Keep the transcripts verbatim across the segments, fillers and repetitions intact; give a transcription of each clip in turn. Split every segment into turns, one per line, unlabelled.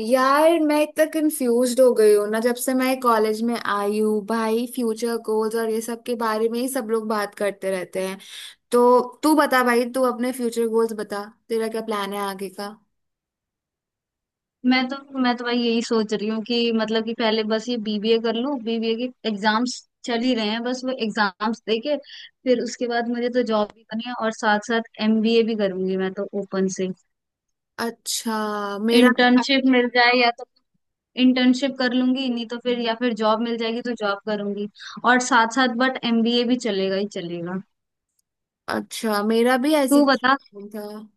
यार मैं इतना कंफ्यूज हो गई हूँ ना जब से मैं कॉलेज में आई हूँ भाई। फ्यूचर गोल्स और ये सब के बारे में ही सब लोग बात करते रहते हैं। तो तू बता भाई, तू अपने फ्यूचर गोल्स बता, तेरा क्या प्लान है आगे का?
मैं तो मैं तो भाई यही सोच रही हूँ कि मतलब कि पहले बस ये बी बी ए कर लूँ। बी बी ए के एग्जाम्स चल ही रहे हैं, बस वो एग्जाम्स देके फिर उसके बाद मुझे तो जॉब भी करनी है और साथ साथ एम बी ए भी करूंगी मैं तो ओपन से।
अच्छा मेरा
इंटर्नशिप मिल जाए या तो इंटर्नशिप कर लूंगी, नहीं तो फिर या फिर जॉब मिल जाएगी तो जॉब करूंगी और साथ साथ बट एम बी ए भी चलेगा ही चलेगा।
अच्छा मेरा भी ऐसी
तू
कुछ
बता।
plan था।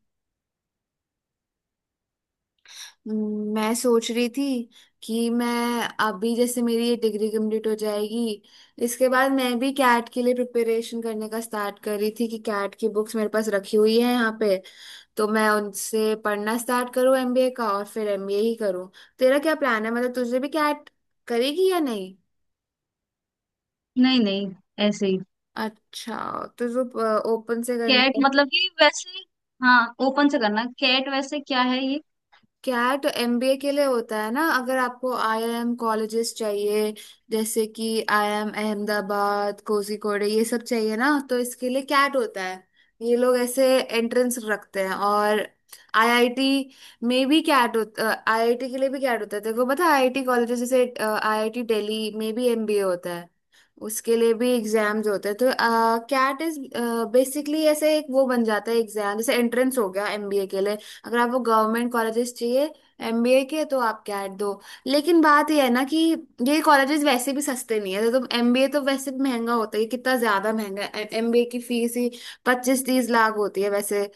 हम्म, मैं सोच रही थी कि मैं अभी जैसे मेरी ये डिग्री कंप्लीट हो जाएगी, इसके बाद मैं भी कैट के लिए प्रिपरेशन करने का स्टार्ट कर रही थी कि कैट की बुक्स मेरे पास रखी हुई है यहाँ पे, तो मैं उनसे पढ़ना स्टार्ट करूँ एमबीए का और फिर एमबीए ही करूँ। तेरा क्या प्लान है, मतलब तुझे भी क्या करेगी या नहीं?
नहीं नहीं, ऐसे ही।
अच्छा। तो जो ओपन से
कैट
करने
मतलब कि वैसे, हाँ ओपन से करना कैट वैसे क्या है ये?
कैट एमबीए के लिए होता है ना, अगर आपको आईआईएम कॉलेजेस चाहिए जैसे कि आईआईएम अहमदाबाद, कोझीकोड, ये सब चाहिए ना तो इसके लिए कैट होता है। ये लोग ऐसे एंट्रेंस रखते हैं। और आईआईटी में भी कैट होता, आईआईटी के लिए भी कैट होता है। तेरे को पता है आईआईटी कॉलेजेस जैसे आईआईटी दिल्ली में भी एमबीए होता है, उसके लिए भी एग्जाम्स होते हैं। तो कैट इज बेसिकली ऐसे एक वो बन जाता है एग्जाम, जैसे एंट्रेंस हो गया एमबीए के लिए। अगर आपको गवर्नमेंट कॉलेजेस चाहिए एमबीए के तो आप कैट दो। लेकिन बात यह है ना कि ये कॉलेजेस वैसे भी सस्ते नहीं है, तो एमबीए तो वैसे भी महंगा होता है, ये कितना ज्यादा महंगा है, एमबीए की फीस ही पच्चीस तीस लाख होती है वैसे।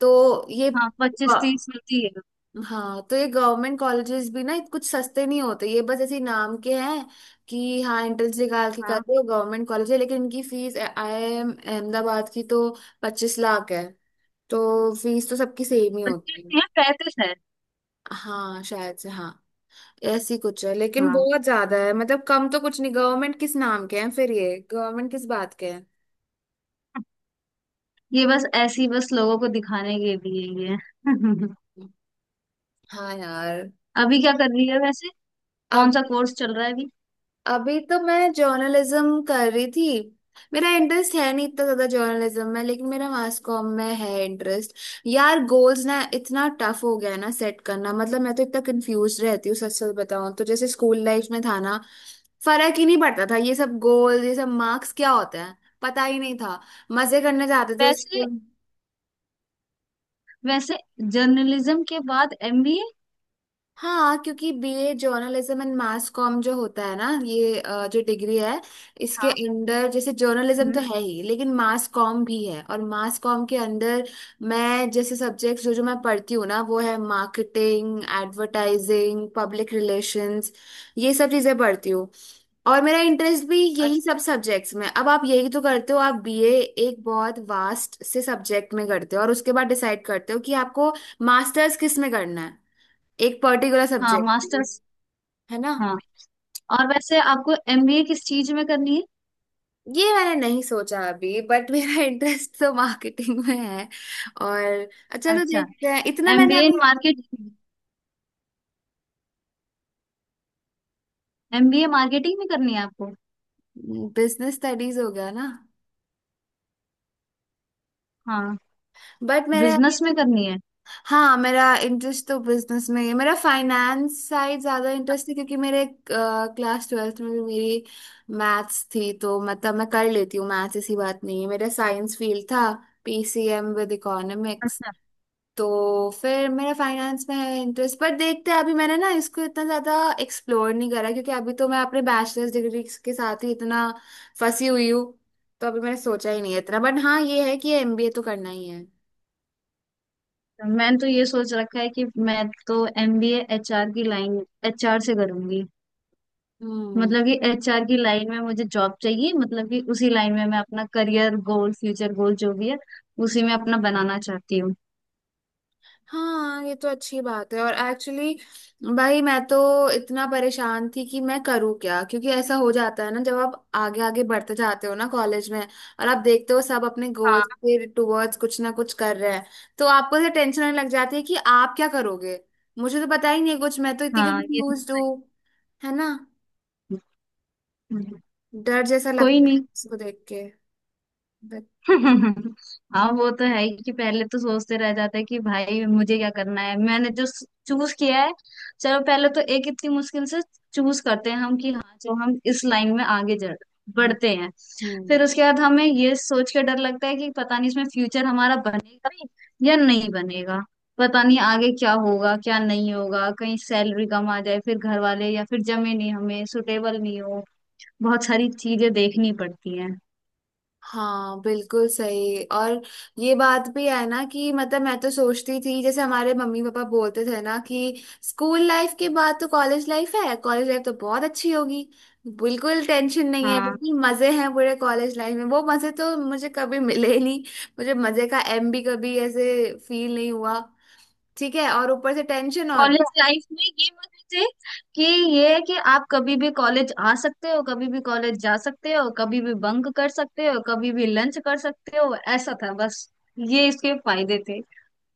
तो ये
हाँ, पच्चीस
अ,
तीस मिलती है।
हाँ तो ये गवर्नमेंट कॉलेजेस भी ना कुछ सस्ते नहीं होते, ये बस ऐसे ही नाम के हैं कि हाँ एंट्रेंस निकाल के कर
हाँ,
रहे हो, गवर्नमेंट कॉलेज है, लेकिन इनकी fees I I M Ahmedabad की तो पच्चीस लाख है। तो फीस तो सबकी सेम ही
प्रैक्टिस
होती है।
नहीं है, प्रैक्टिस है।
हाँ, शायद से हाँ ऐसी कुछ है, लेकिन
हाँ,
बहुत ज्यादा है, मतलब कम तो कुछ नहीं। गवर्नमेंट किस नाम के हैं फिर, ये गवर्नमेंट किस बात के हैं?
ये बस ऐसी बस लोगों को दिखाने के लिए ये है।
हाँ यार।
अभी क्या कर रही है वैसे? कौन
अब
सा कोर्स चल रहा है अभी?
अभी तो मैं जर्नलिज्म कर रही थी। मेरा इंटरेस्ट है नहीं इतना ज्यादा जर्नलिज्म में, लेकिन मेरा मास कॉम में है इंटरेस्ट। यार गोल्स ना इतना टफ हो गया है ना सेट करना, मतलब मैं तो इतना कंफ्यूज रहती हूँ सच सच बताऊं तो। जैसे स्कूल लाइफ में था ना फर्क ही नहीं पड़ता था, ये सब गोल ये सब मार्क्स क्या होता है पता ही नहीं था, मजे करने जाते थे
वैसे,
स्कूल।
वैसे जर्नलिज्म के बाद एम बी ए?
हाँ क्योंकि BA journalism and mass comm जो होता है ना ये अ, जो डिग्री है, इसके
हाँ।
अंडर जैसे जर्नलिज्म
हम्म।
तो है ही, लेकिन मास कॉम भी है। और मास कॉम के अंदर मैं जैसे सब्जेक्ट्स जो जो मैं पढ़ती हूँ ना वो है मार्केटिंग, एडवर्टाइजिंग, पब्लिक रिलेशंस, ये सब चीज़ें पढ़ती हूँ। और मेरा इंटरेस्ट भी यही सब
अच्छा।
सब्जेक्ट्स में। अब आप यही तो करते हो, आप बीए एक बहुत वास्ट से सब्जेक्ट में करते हो और उसके बाद डिसाइड करते हो कि आपको मास्टर्स किस में करना है, एक पर्टिकुलर
हाँ,
सब्जेक्ट।
मास्टर्स।
है ना?
हाँ, और वैसे आपको एम बी ए किस चीज में करनी है?
ये मैंने नहीं सोचा अभी बट मेरा इंटरेस्ट तो मार्केटिंग में है। और चलो
अच्छा,
देखते हैं, इतना मैंने
एम बी ए इन
अभी
मार्केटिंग। एम बी ए मार्केटिंग में करनी है आपको?
बिजनेस स्टडीज हो गया ना।
हाँ,
बट मेरे अभी
बिजनेस में करनी है?
हाँ मेरा इंटरेस्ट तो बिजनेस में ही है, मेरा फाइनेंस साइड ज्यादा इंटरेस्ट है क्योंकि मेरे क्लास ट्वेल्थ में भी मेरी मैथ्स थी, तो मतलब मैं कर लेती हूँ मैथ्स, ऐसी बात नहीं है। मेरा साइंस फील्ड था, पीसीएम विद इकोनॉमिक्स।
अच्छा,
तो फिर मेरा फाइनेंस में है इंटरेस्ट, पर देखते हैं अभी मैंने ना इसको इतना ज्यादा एक्सप्लोर नहीं करा क्योंकि अभी तो मैं अपने बैचलर्स डिग्री के साथ ही इतना फंसी हुई हूँ। तो अभी मैंने सोचा ही नहीं है इतना, बट हाँ ये है कि एमबीए तो करना ही है।
तो मैंने तो ये सोच रखा है कि मैं तो M B A H R की लाइन, एच आर से करूंगी।
हम्म।
मतलब कि एच आर की लाइन में मुझे जॉब चाहिए, मतलब कि उसी लाइन में मैं अपना करियर गोल, फ्यूचर गोल जो भी है उसी में अपना बनाना चाहती हूँ।
हाँ ये तो अच्छी बात है। और एक्चुअली भाई मैं तो इतना परेशान थी कि मैं करूँ क्या, क्योंकि ऐसा हो जाता है ना जब आप आगे आगे बढ़ते जाते हो ना कॉलेज में और आप देखते हो सब अपने गोल्स
हाँ।
के टुवर्ड्स कुछ ना कुछ कर रहे हैं, तो आपको ऐसे टेंशन होने लग जाती है कि आप क्या करोगे। मुझे तो पता ही नहीं है कुछ, मैं तो इतनी
हाँ, ये तो
कंफ्यूज
होता ही
हूँ। है ना?
है। हम्म।
डर जैसा
कोई
लगता है
नहीं।
इसको देख के, बट।
हाँ वो तो है ही कि पहले तो सोचते रह जाते हैं कि भाई मुझे क्या करना है, मैंने जो चूज किया है। चलो पहले तो एक इतनी मुश्किल से चूज करते हैं हम कि हाँ जो हम इस लाइन में आगे जड़ बढ़ते हैं। फिर
हम्म।
उसके बाद हमें ये सोच के डर लगता है कि पता नहीं इसमें फ्यूचर हमारा बनेगा भी या नहीं बनेगा। पता नहीं आगे क्या होगा, क्या नहीं होगा, कहीं सैलरी कम आ जाए, फिर घर वाले या फिर जमे नहीं, हमें सुटेबल नहीं हो। बहुत सारी चीजें देखनी पड़ती हैं।
हाँ बिल्कुल सही। और ये बात भी है ना कि मतलब मैं तो सोचती थी जैसे हमारे मम्मी पापा बोलते थे ना कि स्कूल लाइफ के बाद तो कॉलेज लाइफ है, कॉलेज लाइफ तो बहुत अच्छी होगी, बिल्कुल टेंशन नहीं है,
हाँ।
बिल्कुल मजे हैं पूरे कॉलेज लाइफ में। वो मजे तो मुझे कभी मिले ही नहीं, मुझे मजे का एम भी कभी ऐसे फील नहीं हुआ। ठीक है और ऊपर से टेंशन और।
कॉलेज लाइफ में ये मत सोचे कि ये है कि आप कभी भी कॉलेज आ सकते हो, कभी भी कॉलेज जा सकते हो, कभी भी बंक कर सकते हो, कभी भी लंच कर सकते हो, ऐसा था बस। ये इसके फायदे थे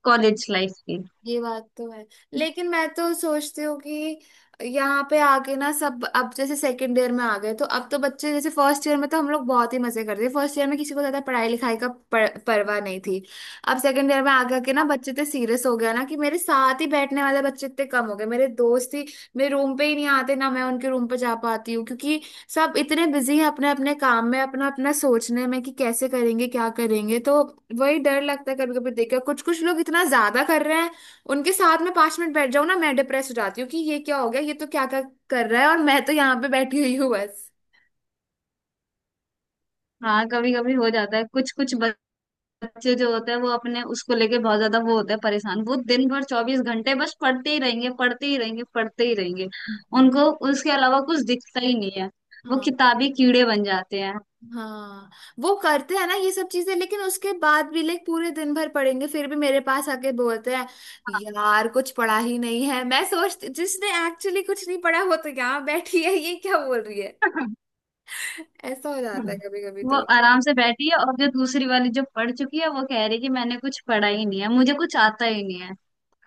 कॉलेज लाइफ के।
ये बात तो है, लेकिन मैं तो सोचती हूँ कि यहाँ पे आके ना सब अब जैसे सेकंड ईयर में आ गए तो अब तो बच्चे, जैसे फर्स्ट ईयर में तो हम लोग बहुत ही मजे करते थे, फर्स्ट ईयर में किसी को ज्यादा पढ़ाई लिखाई का पर, परवाह नहीं थी। अब सेकंड ईयर में आगे आके ना बच्चे इतने सीरियस हो गया ना कि मेरे साथ ही बैठने वाले बच्चे इतने कम हो गए, मेरे दोस्त ही मेरे रूम पे ही नहीं आते, ना मैं उनके रूम पे जा पाती हूँ क्योंकि सब इतने बिजी हैं अपने अपने काम में, अपना अपना सोचने में कि कैसे करेंगे क्या करेंगे। तो वही डर लगता है कभी कभी देखकर कुछ कुछ लोग इतना ज्यादा कर रहे हैं, उनके साथ में पांच मिनट बैठ जाऊं ना मैं डिप्रेस हो जाती हूँ कि ये क्या हो गया, ये तो क्या क्या कर रहा है और मैं तो यहाँ पे बैठी हुई हूँ बस।
हाँ, कभी कभी हो जाता है। कुछ कुछ बच्चे जो होते हैं वो अपने उसको लेके बहुत ज्यादा वो होते हैं परेशान। वो दिन भर चौबीस घंटे बस पढ़ते ही रहेंगे, पढ़ते ही रहेंगे, पढ़ते ही रहेंगे।
हम्म।
उनको उसके अलावा कुछ दिखता ही नहीं है। वो
हाँ
किताबी कीड़े बन जाते हैं।
हाँ वो करते हैं ना ये सब चीजें, लेकिन उसके बाद भी लाइक पूरे दिन भर पढ़ेंगे फिर भी मेरे पास आके बोलते हैं यार कुछ पढ़ा ही नहीं है। मैं सोचती जिसने एक्चुअली कुछ नहीं पढ़ा वो तो यहाँ बैठी है, ये क्या बोल रही है।
हाँ।
ऐसा हो जाता है
हम्म।
कभी कभी।
वो आराम से बैठी है और जो दूसरी वाली जो पढ़ चुकी है वो कह रही है कि मैंने कुछ पढ़ा ही नहीं है, मुझे कुछ आता ही नहीं है।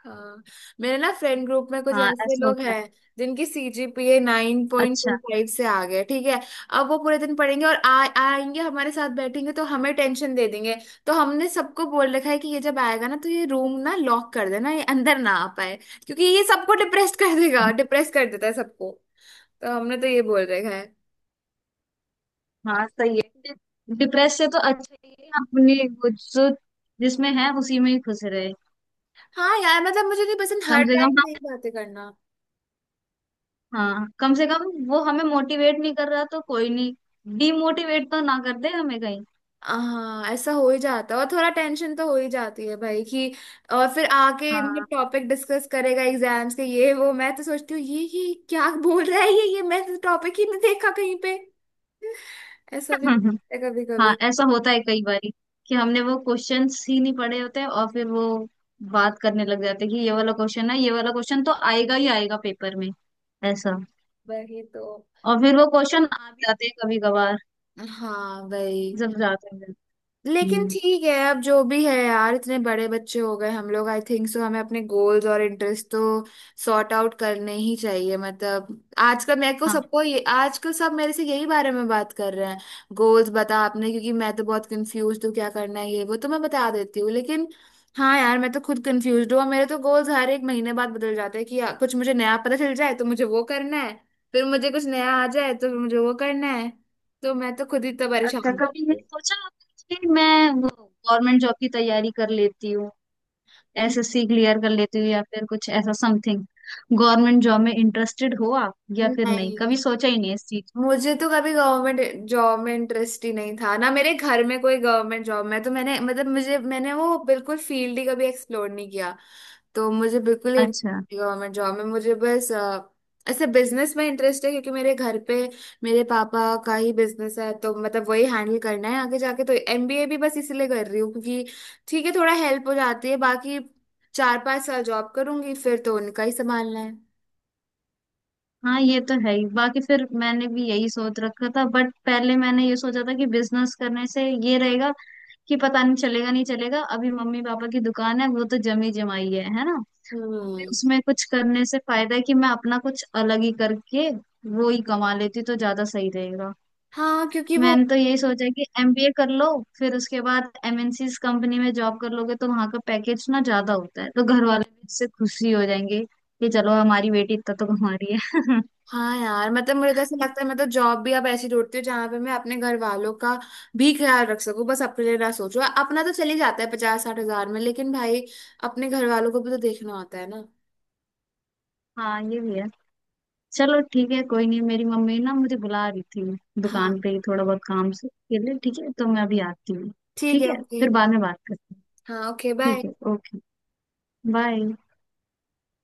हाँ मेरे ना फ्रेंड ग्रुप में कुछ
हाँ,
ऐसे
ऐसा
लोग
होता है।
हैं जिनकी सीजीपीए नाइन पॉइंट
अच्छा।
टू फाइव से आ गया, ठीक है। अब वो पूरे दिन पढ़ेंगे और आ, आएंगे हमारे साथ बैठेंगे तो हमें टेंशन दे देंगे। तो हमने सबको बोल रखा है कि ये जब आएगा ना तो ये रूम ना लॉक कर देना, ये अंदर ना आ पाए क्योंकि ये सबको डिप्रेस कर देगा, डिप्रेस कर देता है सबको। तो हमने तो ये बोल रखा है।
हाँ सही है। डिप्रेस से तो अच्छा ही है अपनी वो जो जिसमें है उसी में ही खुश रहे।
हाँ यार मतलब मुझे नहीं पसंद
कम
हर
से कम
टाइम यही
हम,
बातें करना।
हाँ कम से कम वो हमें मोटिवेट नहीं कर रहा तो कोई नहीं, डीमोटिवेट तो ना कर दे हमें कहीं।
हाँ ऐसा हो ही जाता है और थोड़ा टेंशन तो हो ही जाती है भाई कि। और फिर आके मतलब
हाँ।
टॉपिक डिस्कस करेगा एग्जाम्स के, ये वो मैं तो सोचती हूँ ये ये क्या बोल रहा है, ये ये मैं तो टॉपिक ही नहीं देखा कहीं पे। ऐसा भी होता है कभी कभी।
हाँ, ऐसा होता है कई बारी कि हमने वो क्वेश्चंस ही नहीं पढ़े होते और फिर वो बात करने लग जाते हैं कि ये वाला क्वेश्चन है, ये वाला क्वेश्चन तो आएगा ही आएगा पेपर में ऐसा।
वही तो।
और फिर वो क्वेश्चन आ भी जाते हैं कभी कभार
हाँ भाई।
जब जाते हैं।
लेकिन
हम्म।
ठीक है अब जो भी है यार, इतने बड़े बच्चे हो गए हम लोग, आई थिंक सो हमें अपने गोल्स और इंटरेस्ट तो सॉर्ट आउट करने ही चाहिए, मतलब। आजकल मेरे को
हाँ।
सबको ये आजकल सब मेरे से यही बारे में बात कर रहे हैं, गोल्स बता आपने क्योंकि मैं तो बहुत कंफ्यूज हूँ क्या करना है ये वो तो मैं बता देती हूँ, लेकिन हाँ यार मैं तो खुद कंफ्यूज हूँ। और मेरे तो गोल्स हर एक महीने बाद बदल जाते हैं कि यार, कुछ मुझे नया पता चल जाए तो मुझे वो करना है, फिर मुझे कुछ नया आ जाए तो मुझे वो करना है, तो मैं तो खुद ही तो परेशान
अच्छा, कभी
हूँ।
नहीं सोचा आपने कि मैं वो गवर्नमेंट जॉब की तैयारी कर लेती हूँ, एस एस सी क्लियर कर लेती हूँ या फिर कुछ ऐसा समथिंग? गवर्नमेंट जॉब में इंटरेस्टेड हो आप या फिर नहीं, कभी
नहीं,
सोचा ही नहीं इस चीज को?
मुझे तो कभी गवर्नमेंट जॉब में इंटरेस्ट ही नहीं था ना, मेरे घर में कोई गवर्नमेंट जॉब में तो मैंने मतलब मुझे मैंने वो बिल्कुल फील्ड ही कभी एक्सप्लोर नहीं किया। तो मुझे बिल्कुल
अच्छा।
इंटरेस्ट गवर्नमेंट जॉब में, मुझे बस अ, ऐसे बिजनेस में इंटरेस्ट है क्योंकि मेरे घर पे मेरे पापा का ही बिजनेस है, तो मतलब वही हैंडल करना है आगे जाके, तो एमबीए भी बस इसीलिए कर रही हूँ क्योंकि ठीक है थोड़ा हेल्प हो जाती है बाकी। चार पांच साल जॉब करूंगी फिर तो उनका ही संभालना है।
हाँ ये तो है ही। बाकी फिर मैंने भी यही सोच रखा था, बट पहले मैंने ये सोचा था कि बिजनेस करने से ये रहेगा कि पता नहीं चलेगा नहीं चलेगा। अभी मम्मी पापा की दुकान है, वो तो जमी जमाई है, है ना तो फिर
हम्म।
उसमें कुछ करने से फायदा है कि मैं अपना कुछ अलग ही करके वो ही कमा लेती तो ज्यादा सही रहेगा।
हाँ क्योंकि वो।
मैंने तो यही सोचा कि एम बी ए कर लो फिर उसके बाद एम एन सीज़ कंपनी में जॉब कर लोगे तो वहां का पैकेज ना ज्यादा होता है, तो घर वाले भी इससे खुशी हो जाएंगे कि चलो हमारी बेटी इतना तो कमा रही है।
हाँ यार मतलब मुझे तो ऐसा लगता है मैं तो जॉब भी अब ऐसी ढूंढती हूँ जहां पे मैं अपने घर वालों का भी ख्याल रख सकूँ, बस अपने लिए ना सोचूं, अपना तो चले जाता है पचास साठ हजार में, लेकिन भाई अपने घर वालों को भी तो देखना होता है ना।
हाँ ये भी है। चलो ठीक है, कोई नहीं, मेरी मम्मी ना मुझे बुला रही थी
हाँ
दुकान पे ही थोड़ा बहुत काम से के लिए, ठीक है तो मैं अभी आती हूँ।
ठीक
ठीक
है
है
ओके।
फिर बाद में बात करते हैं।
हाँ ओके बाय।
ठीक है ओके, बाय।